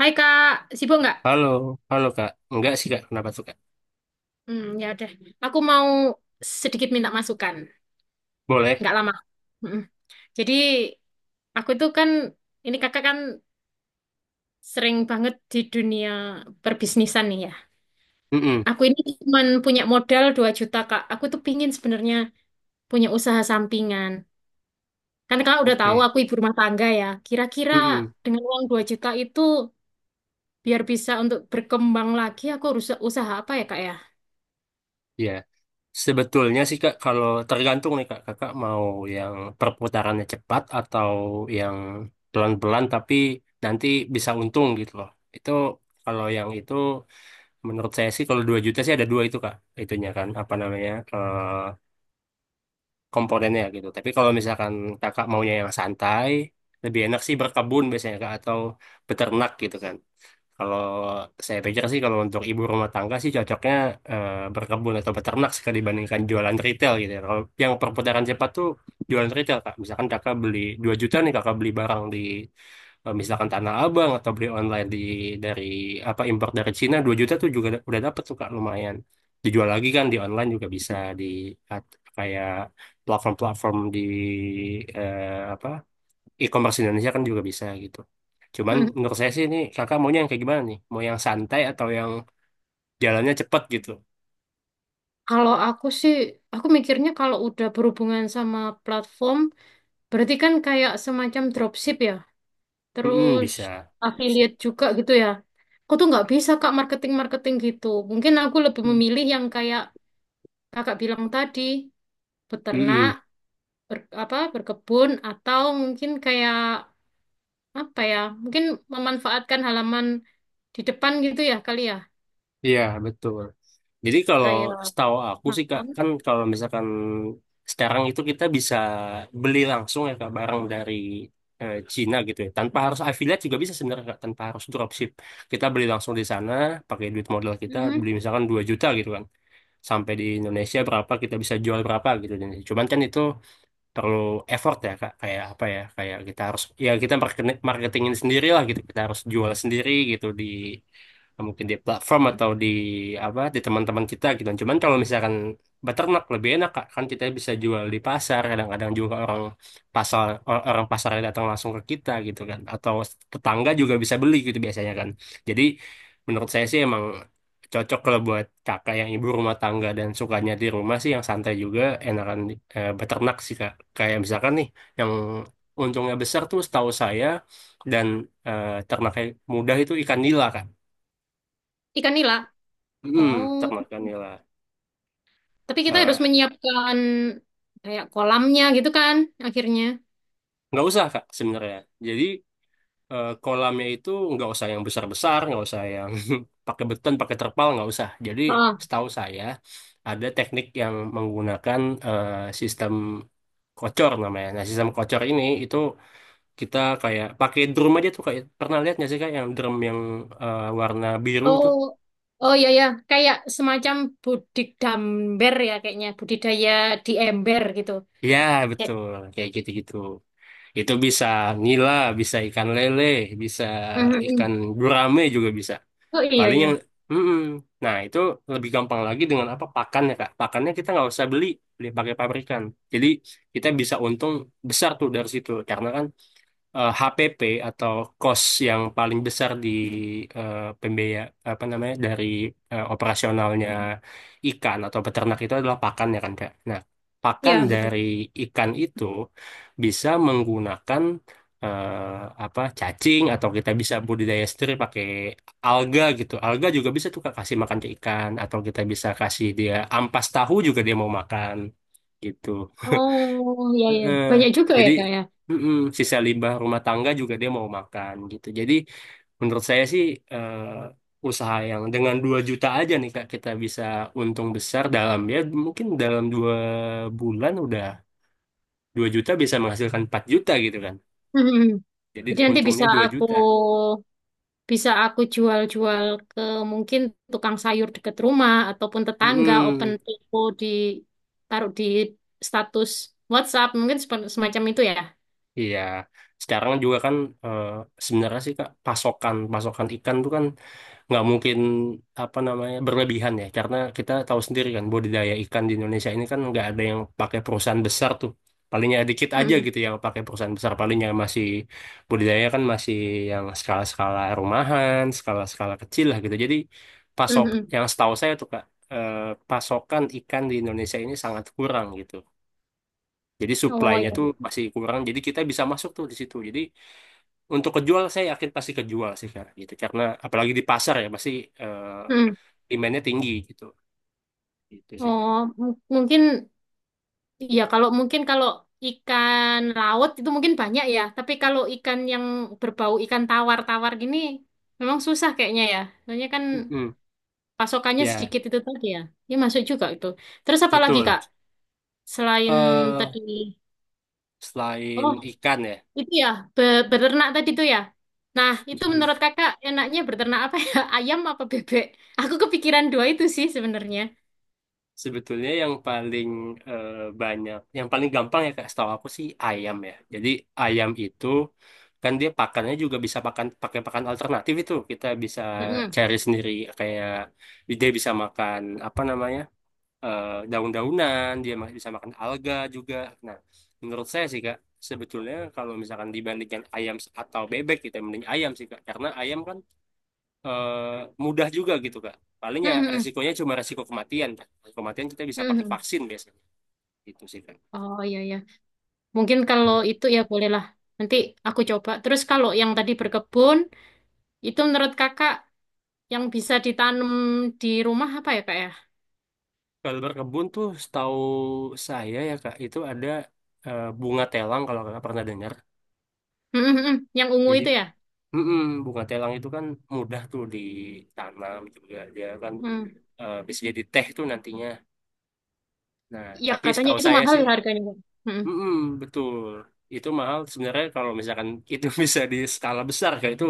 Hai Kak, sibuk nggak? Halo, halo Kak. Enggak sih Kak, kenapa tuh Kak? Ya udah. Aku mau sedikit minta masukan. Boleh? Nggak lama. Mm-mm. Jadi aku tuh kan, ini kakak kan sering banget di dunia perbisnisan nih ya. Mm-mm. Aku ini cuma punya modal 2 juta, Kak. Aku tuh pingin sebenarnya punya usaha sampingan. Kan kakak udah tahu Oke. aku ibu rumah tangga ya. Kira-kira Mm-mm. dengan uang 2 juta itu biar bisa untuk berkembang lagi aku harus usaha apa ya Kak ya? Ya. Sebetulnya sih Kak, kalau tergantung nih Kak, Kakak mau yang perputarannya cepat atau yang pelan-pelan tapi nanti bisa untung gitu loh. Itu kalau yang itu menurut saya sih kalau 2 juta sih ada dua itu Kak. Itunya kan apa namanya? Komponennya gitu. Tapi kalau misalkan Kakak maunya yang santai, lebih enak sih berkebun biasanya Kak atau beternak gitu kan. Kalau saya pikir sih kalau untuk ibu rumah tangga sih cocoknya berkebun atau beternak sih kalau dibandingkan jualan retail gitu. Ya. Kalau yang perputaran cepat tuh jualan retail Kak. Misalkan Kakak beli 2 juta nih Kakak beli barang di misalkan Tanah Abang atau beli online di dari apa impor dari Cina 2 juta tuh juga udah dapet tuh Kak lumayan. Dijual lagi kan di online juga bisa di kayak platform-platform di apa e-commerce Indonesia kan juga bisa gitu. Cuman Hmm. menurut saya sih ini kakak maunya yang kayak gimana nih? Mau yang santai atau yang jalannya cepet gitu? Kalau aku sih, aku mikirnya kalau udah berhubungan sama platform, berarti kan kayak semacam dropship ya, Mm-mm, terus bisa. Sip. affiliate juga gitu ya. Aku tuh nggak bisa kak marketing-marketing gitu. Mungkin aku lebih memilih yang kayak kakak bilang tadi, beternak, Mm-mm. Berkebun, atau mungkin kayak apa ya, mungkin memanfaatkan halaman di depan gitu ya kali ya, Iya, betul. Jadi kalau kayak. setahu aku sih Kak, kan kalau misalkan sekarang itu kita bisa beli langsung ya Kak barang dari Cina gitu ya. Tanpa harus affiliate juga bisa sebenarnya Kak, tanpa harus dropship. Kita beli langsung di sana pakai duit modal kita Mm-mm. beli misalkan 2 juta gitu kan. Sampai di Indonesia berapa kita bisa jual berapa gitu. Cuman kan itu terlalu effort ya kak kayak apa ya kayak kita harus ya kita marketingin sendiri lah gitu kita harus jual sendiri gitu di mungkin di platform atau di apa di teman-teman kita gitu cuman kalau misalkan beternak lebih enak kak kan kita bisa jual di pasar kadang-kadang juga orang pasar orang pasar datang langsung ke kita gitu kan atau tetangga juga bisa beli gitu biasanya kan jadi menurut saya sih emang cocok kalau buat kakak yang ibu rumah tangga dan sukanya di rumah sih yang santai juga enakan beternak sih kak. Kayak misalkan nih, yang untungnya besar tuh setahu saya dan ternaknya mudah itu ikan nila, Kak. Ikan nila. Hmm, Oh. ternak ikan nila. Tapi kita Eh, harus menyiapkan kayak kolamnya gitu kan akhirnya. nggak usah, Kak, sebenarnya. Jadi kolamnya itu nggak usah yang besar-besar, nggak usah yang pakai beton, pakai terpal, nggak usah. Jadi Ah. setahu saya ada teknik yang menggunakan eh, sistem kocor namanya. Nah, sistem kocor ini itu kita kayak pakai drum aja tuh kayak pernah lihat nggak sih Kak yang drum yang warna biru tuh. Oh, oh ya ya, kayak semacam budik damber ya kayaknya budidaya di ember gitu. Ya, Kayak. betul. Kayak gitu-gitu. Itu bisa nila, bisa ikan lele, bisa Mhm. ikan gurame juga bisa. Oh iya Paling yang, ya. mm-mm. Nah itu lebih gampang lagi dengan apa pakannya kak. Pakannya kita nggak usah beli, beli pakai pabrikan. Jadi kita bisa untung besar tuh dari situ, karena kan HPP atau cost yang paling besar di pembiaya apa namanya dari operasionalnya ikan atau peternak itu adalah pakan ya kan Kak. Nah, Iya pakan betul. dari ikan itu bisa menggunakan eh, apa cacing atau kita bisa budidaya sendiri pakai alga gitu. Alga juga bisa tuh Kak kasih makan ke ikan atau kita bisa kasih dia ampas tahu juga dia mau makan gitu. Oh iya ya Eh, banyak juga ya jadi kak ya. mm-mm, sisa limbah rumah tangga juga dia mau makan gitu. Jadi menurut saya sih eh, usaha yang dengan 2 juta aja nih Kak kita bisa untung besar dalam ya mungkin dalam dua bulan udah 2 juta bisa menghasilkan 4 juta gitu kan. Mhm. Jadi Jadi nanti bisa untungnya 2 aku. juta. Bisa aku jual-jual ke mungkin tukang sayur dekat rumah ataupun tetangga, open Mm-mm. toko di taruh di status WhatsApp, mungkin semacam itu ya. Iya, sekarang juga kan eh, sebenarnya sih Kak pasokan pasokan ikan tuh kan nggak mungkin apa namanya berlebihan ya karena kita tahu sendiri kan budidaya ikan di Indonesia ini kan nggak ada yang pakai perusahaan besar tuh palingnya dikit aja Mm-mm. gitu yang pakai perusahaan besar palingnya masih budidaya kan masih yang skala-skala rumahan skala-skala kecil lah gitu jadi pasok Mm-mm. yang setahu saya tuh Kak eh, pasokan ikan di Indonesia ini sangat kurang gitu jadi Oh ya. supply-nya tuh masih kurang jadi kita bisa masuk tuh di situ jadi untuk kejual saya yakin pasti kejual sih Kak gitu karena apalagi di pasar ya pasti eh, Mm. demandnya tinggi gitu gitu sih kak. Oh, mungkin ya kalau mungkin kalau ikan laut itu mungkin banyak ya, tapi kalau ikan yang berbau ikan tawar-tawar gini memang susah kayaknya ya. Soalnya kan Mm-mm. pasokannya Ya sedikit itu tadi ya. Ini masuk juga itu. Terus apa lagi, betul. Kak? Selain eh tadi. Selain Oh, ikan ya. itu ya, beternak tadi tuh ya. Nah, itu mm, menurut kakak enaknya beternak apa ya? Ayam apa bebek? Aku kepikiran dua itu sih sebenarnya. Sebetulnya yang paling eh, banyak yang paling gampang ya kak setahu aku sih ayam ya jadi ayam itu kan dia pakannya juga bisa pakan pakai pakan alternatif itu kita bisa Mm-mm. cari sendiri kayak dia bisa makan apa namanya daun-daunan, dia masih bisa makan alga juga. Nah, menurut saya sih Kak, sebetulnya kalau misalkan dibandingkan ayam atau bebek gitu, ya, mending ayam sih Kak, karena ayam kan eh, mudah juga gitu Kak. Palingnya Mm-mm. resikonya cuma resiko kematian. Kak. Resiko Kematian kita bisa pakai Mm-mm. vaksin biasanya. Itu sih Kak. Oh iya iya. Mungkin kalau Hmm. itu ya bolehlah. Nanti aku coba. Terus kalau yang tadi berkebun, itu menurut kakak yang bisa ditanam di rumah apa ya kak ya? Kalau berkebun tuh setahu saya ya Kak, itu ada bunga telang kalau Kakak pernah dengar. Mm-mm. Yang ungu Jadi itu ya? mm-mm, bunga telang itu kan mudah tuh ditanam juga dia kan Mm. Bisa jadi teh tuh nantinya. Nah, Ya tapi katanya setahu itu saya mahal sih, harganya, Kak. Mm-mm. mm-mm, betul itu mahal sebenarnya kalau misalkan itu bisa di skala besar kayak itu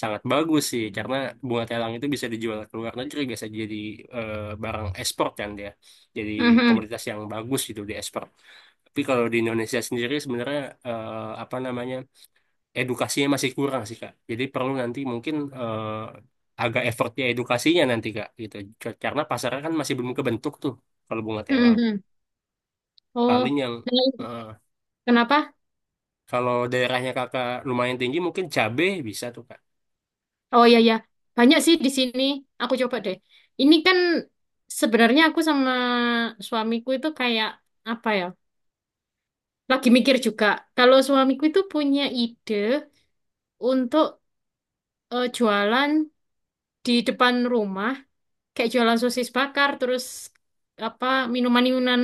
sangat bagus sih karena bunga telang itu bisa dijual ke luar negeri bisa jadi eh, barang ekspor kan dia. Jadi Mm-mm. komoditas yang bagus gitu di ekspor. Tapi kalau di Indonesia sendiri sebenarnya apa namanya edukasinya masih kurang sih Kak. Jadi perlu nanti mungkin agak effortnya edukasinya nanti Kak gitu. Karena pasarnya kan masih belum kebentuk tuh kalau bunga telang. Mm-mm. Oh, Paling yang nah, eh, kenapa? kalau daerahnya Kakak lumayan tinggi mungkin cabe bisa tuh Kak. Oh iya ya, banyak sih di sini. Aku coba deh. Ini kan sebenarnya aku sama suamiku itu kayak apa ya? Lagi mikir juga. Kalau suamiku itu punya ide untuk jualan di depan rumah, kayak jualan sosis bakar, terus apa minuman-minuman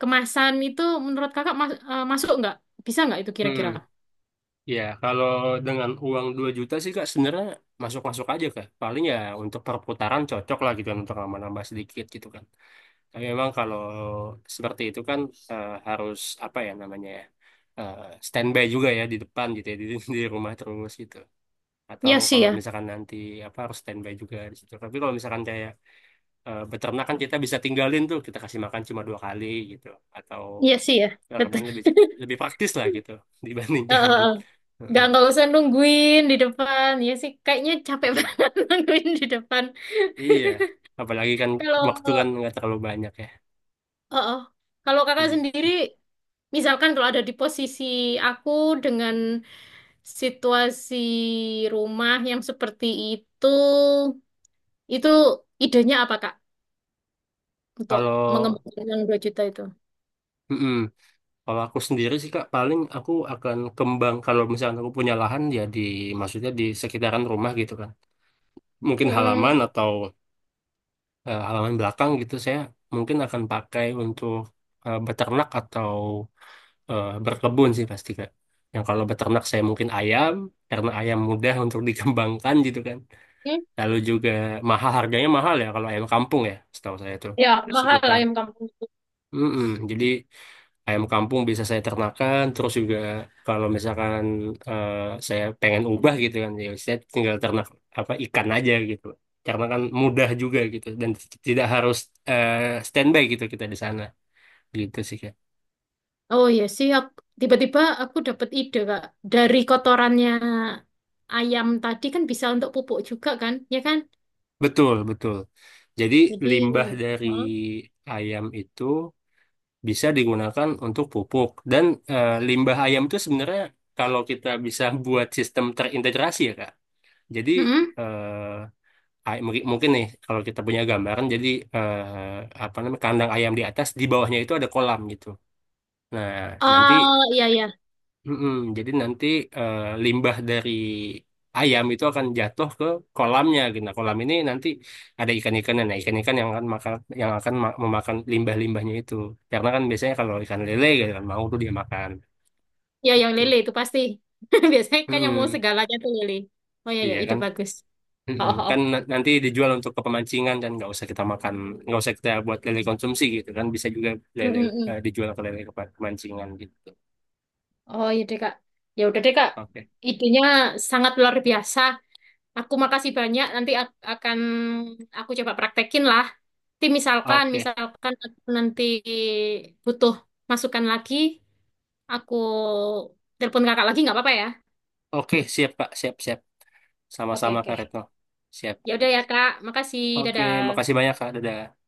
kemasan itu menurut kakak masuk nggak? Bisa nggak itu kira-kira? Hmm, ya kalau dengan uang 2 juta sih Kak sebenarnya masuk-masuk aja Kak. Paling ya untuk perputaran cocok lah gitu kan untuk nambah-nambah sedikit gitu kan. Tapi memang kalau seperti itu kan harus apa ya namanya ya eh, standby juga ya di depan gitu ya di rumah terus gitu. Atau Iya sih kalau ya, misalkan nanti apa harus standby juga di situ. Tapi kalau misalkan kayak beternak kan kita bisa tinggalin tuh kita kasih makan cuma dua kali gitu. Atau iya sih ya, betul. rebun lebih lebih praktis lah gitu dibandingkan. Heeh. Heeh. Nggak usah nungguin di depan. Ya sih, kayaknya capek Iya. banget nungguin di depan. Iya. Apalagi kan Kalau, waktu kan nggak terlalu banyak ya. oh, oh. Kalau kakak Hmm. sendiri, misalkan kalau ada di posisi aku dengan situasi rumah yang seperti itu, itu idenya apa, Kak? Untuk Kalau mengembangkan yang 2 juta itu. mm-mm. Kalau aku sendiri sih Kak, paling aku akan kembang kalau misalkan aku punya lahan ya di maksudnya di sekitaran rumah gitu kan. Mungkin halaman Mm-mm. atau halaman belakang gitu saya mungkin akan pakai untuk beternak atau berkebun sih pasti Kak. Yang kalau beternak saya mungkin ayam karena ayam mudah untuk dikembangkan gitu kan. Hmm? Lalu juga mahal harganya mahal ya kalau ayam kampung ya setahu saya tuh Ya, mahal sekitar. ayam kampung itu. Mm-mm. Jadi ayam kampung bisa saya ternakan terus juga kalau misalkan eh, saya pengen ubah gitu kan ya saya tinggal ternak apa ikan aja gitu karena kan mudah juga gitu dan tidak harus eh, standby gitu kita di sana gitu sih Kak. Oh iya sih, tiba-tiba aku dapat ide, Kak. Dari kotorannya ayam tadi kan bisa untuk pupuk juga kan, ya kan? Betul betul jadi Jadi, limbah dari heeh. ayam itu bisa digunakan untuk pupuk dan limbah ayam itu sebenarnya kalau kita bisa buat sistem terintegrasi ya Kak jadi Mm-mm. eh, mungkin mungkin nih kalau kita punya gambaran jadi apa namanya kandang ayam di atas di bawahnya itu ada kolam gitu nah nanti Oh iya iya, mm-mm, jadi nanti limbah dari ayam itu akan jatuh ke kolamnya gitu nah kolam ini nanti ada ikan-ikannya nah ikan-ikan yang akan makan yang akan memakan limbah-limbahnya itu karena kan biasanya kalau ikan lele gitu kan mau tuh dia makan iya yang gitu. lele itu pasti. Biasanya kan yang mau Mm-mm. segalanya tuh lele. Oh iya iya, Iya ide kan. bagus. Oh, Mm-mm. oh, oh. Kan nanti dijual untuk kepemancingan dan nggak usah kita makan, nggak usah kita buat lele konsumsi gitu kan bisa juga lele Mm-mm-mm. dijual ke lele kemancingan gitu. Oh iya deh Kak. Ya udah deh Kak. Oke, Idenya sangat luar biasa. Aku makasih banyak. Nanti akan aku coba praktekin lah. Nanti misalkan, oke, misalkan aku nanti butuh masukan lagi, aku telepon kakak lagi nggak apa-apa ya? oke siap Kak, siap siap, Oke, sama-sama oke. Kak Retno, siap. Ya udah ya Kak, makasih. Oke, Dadah. makasih banyak Kak, dadah.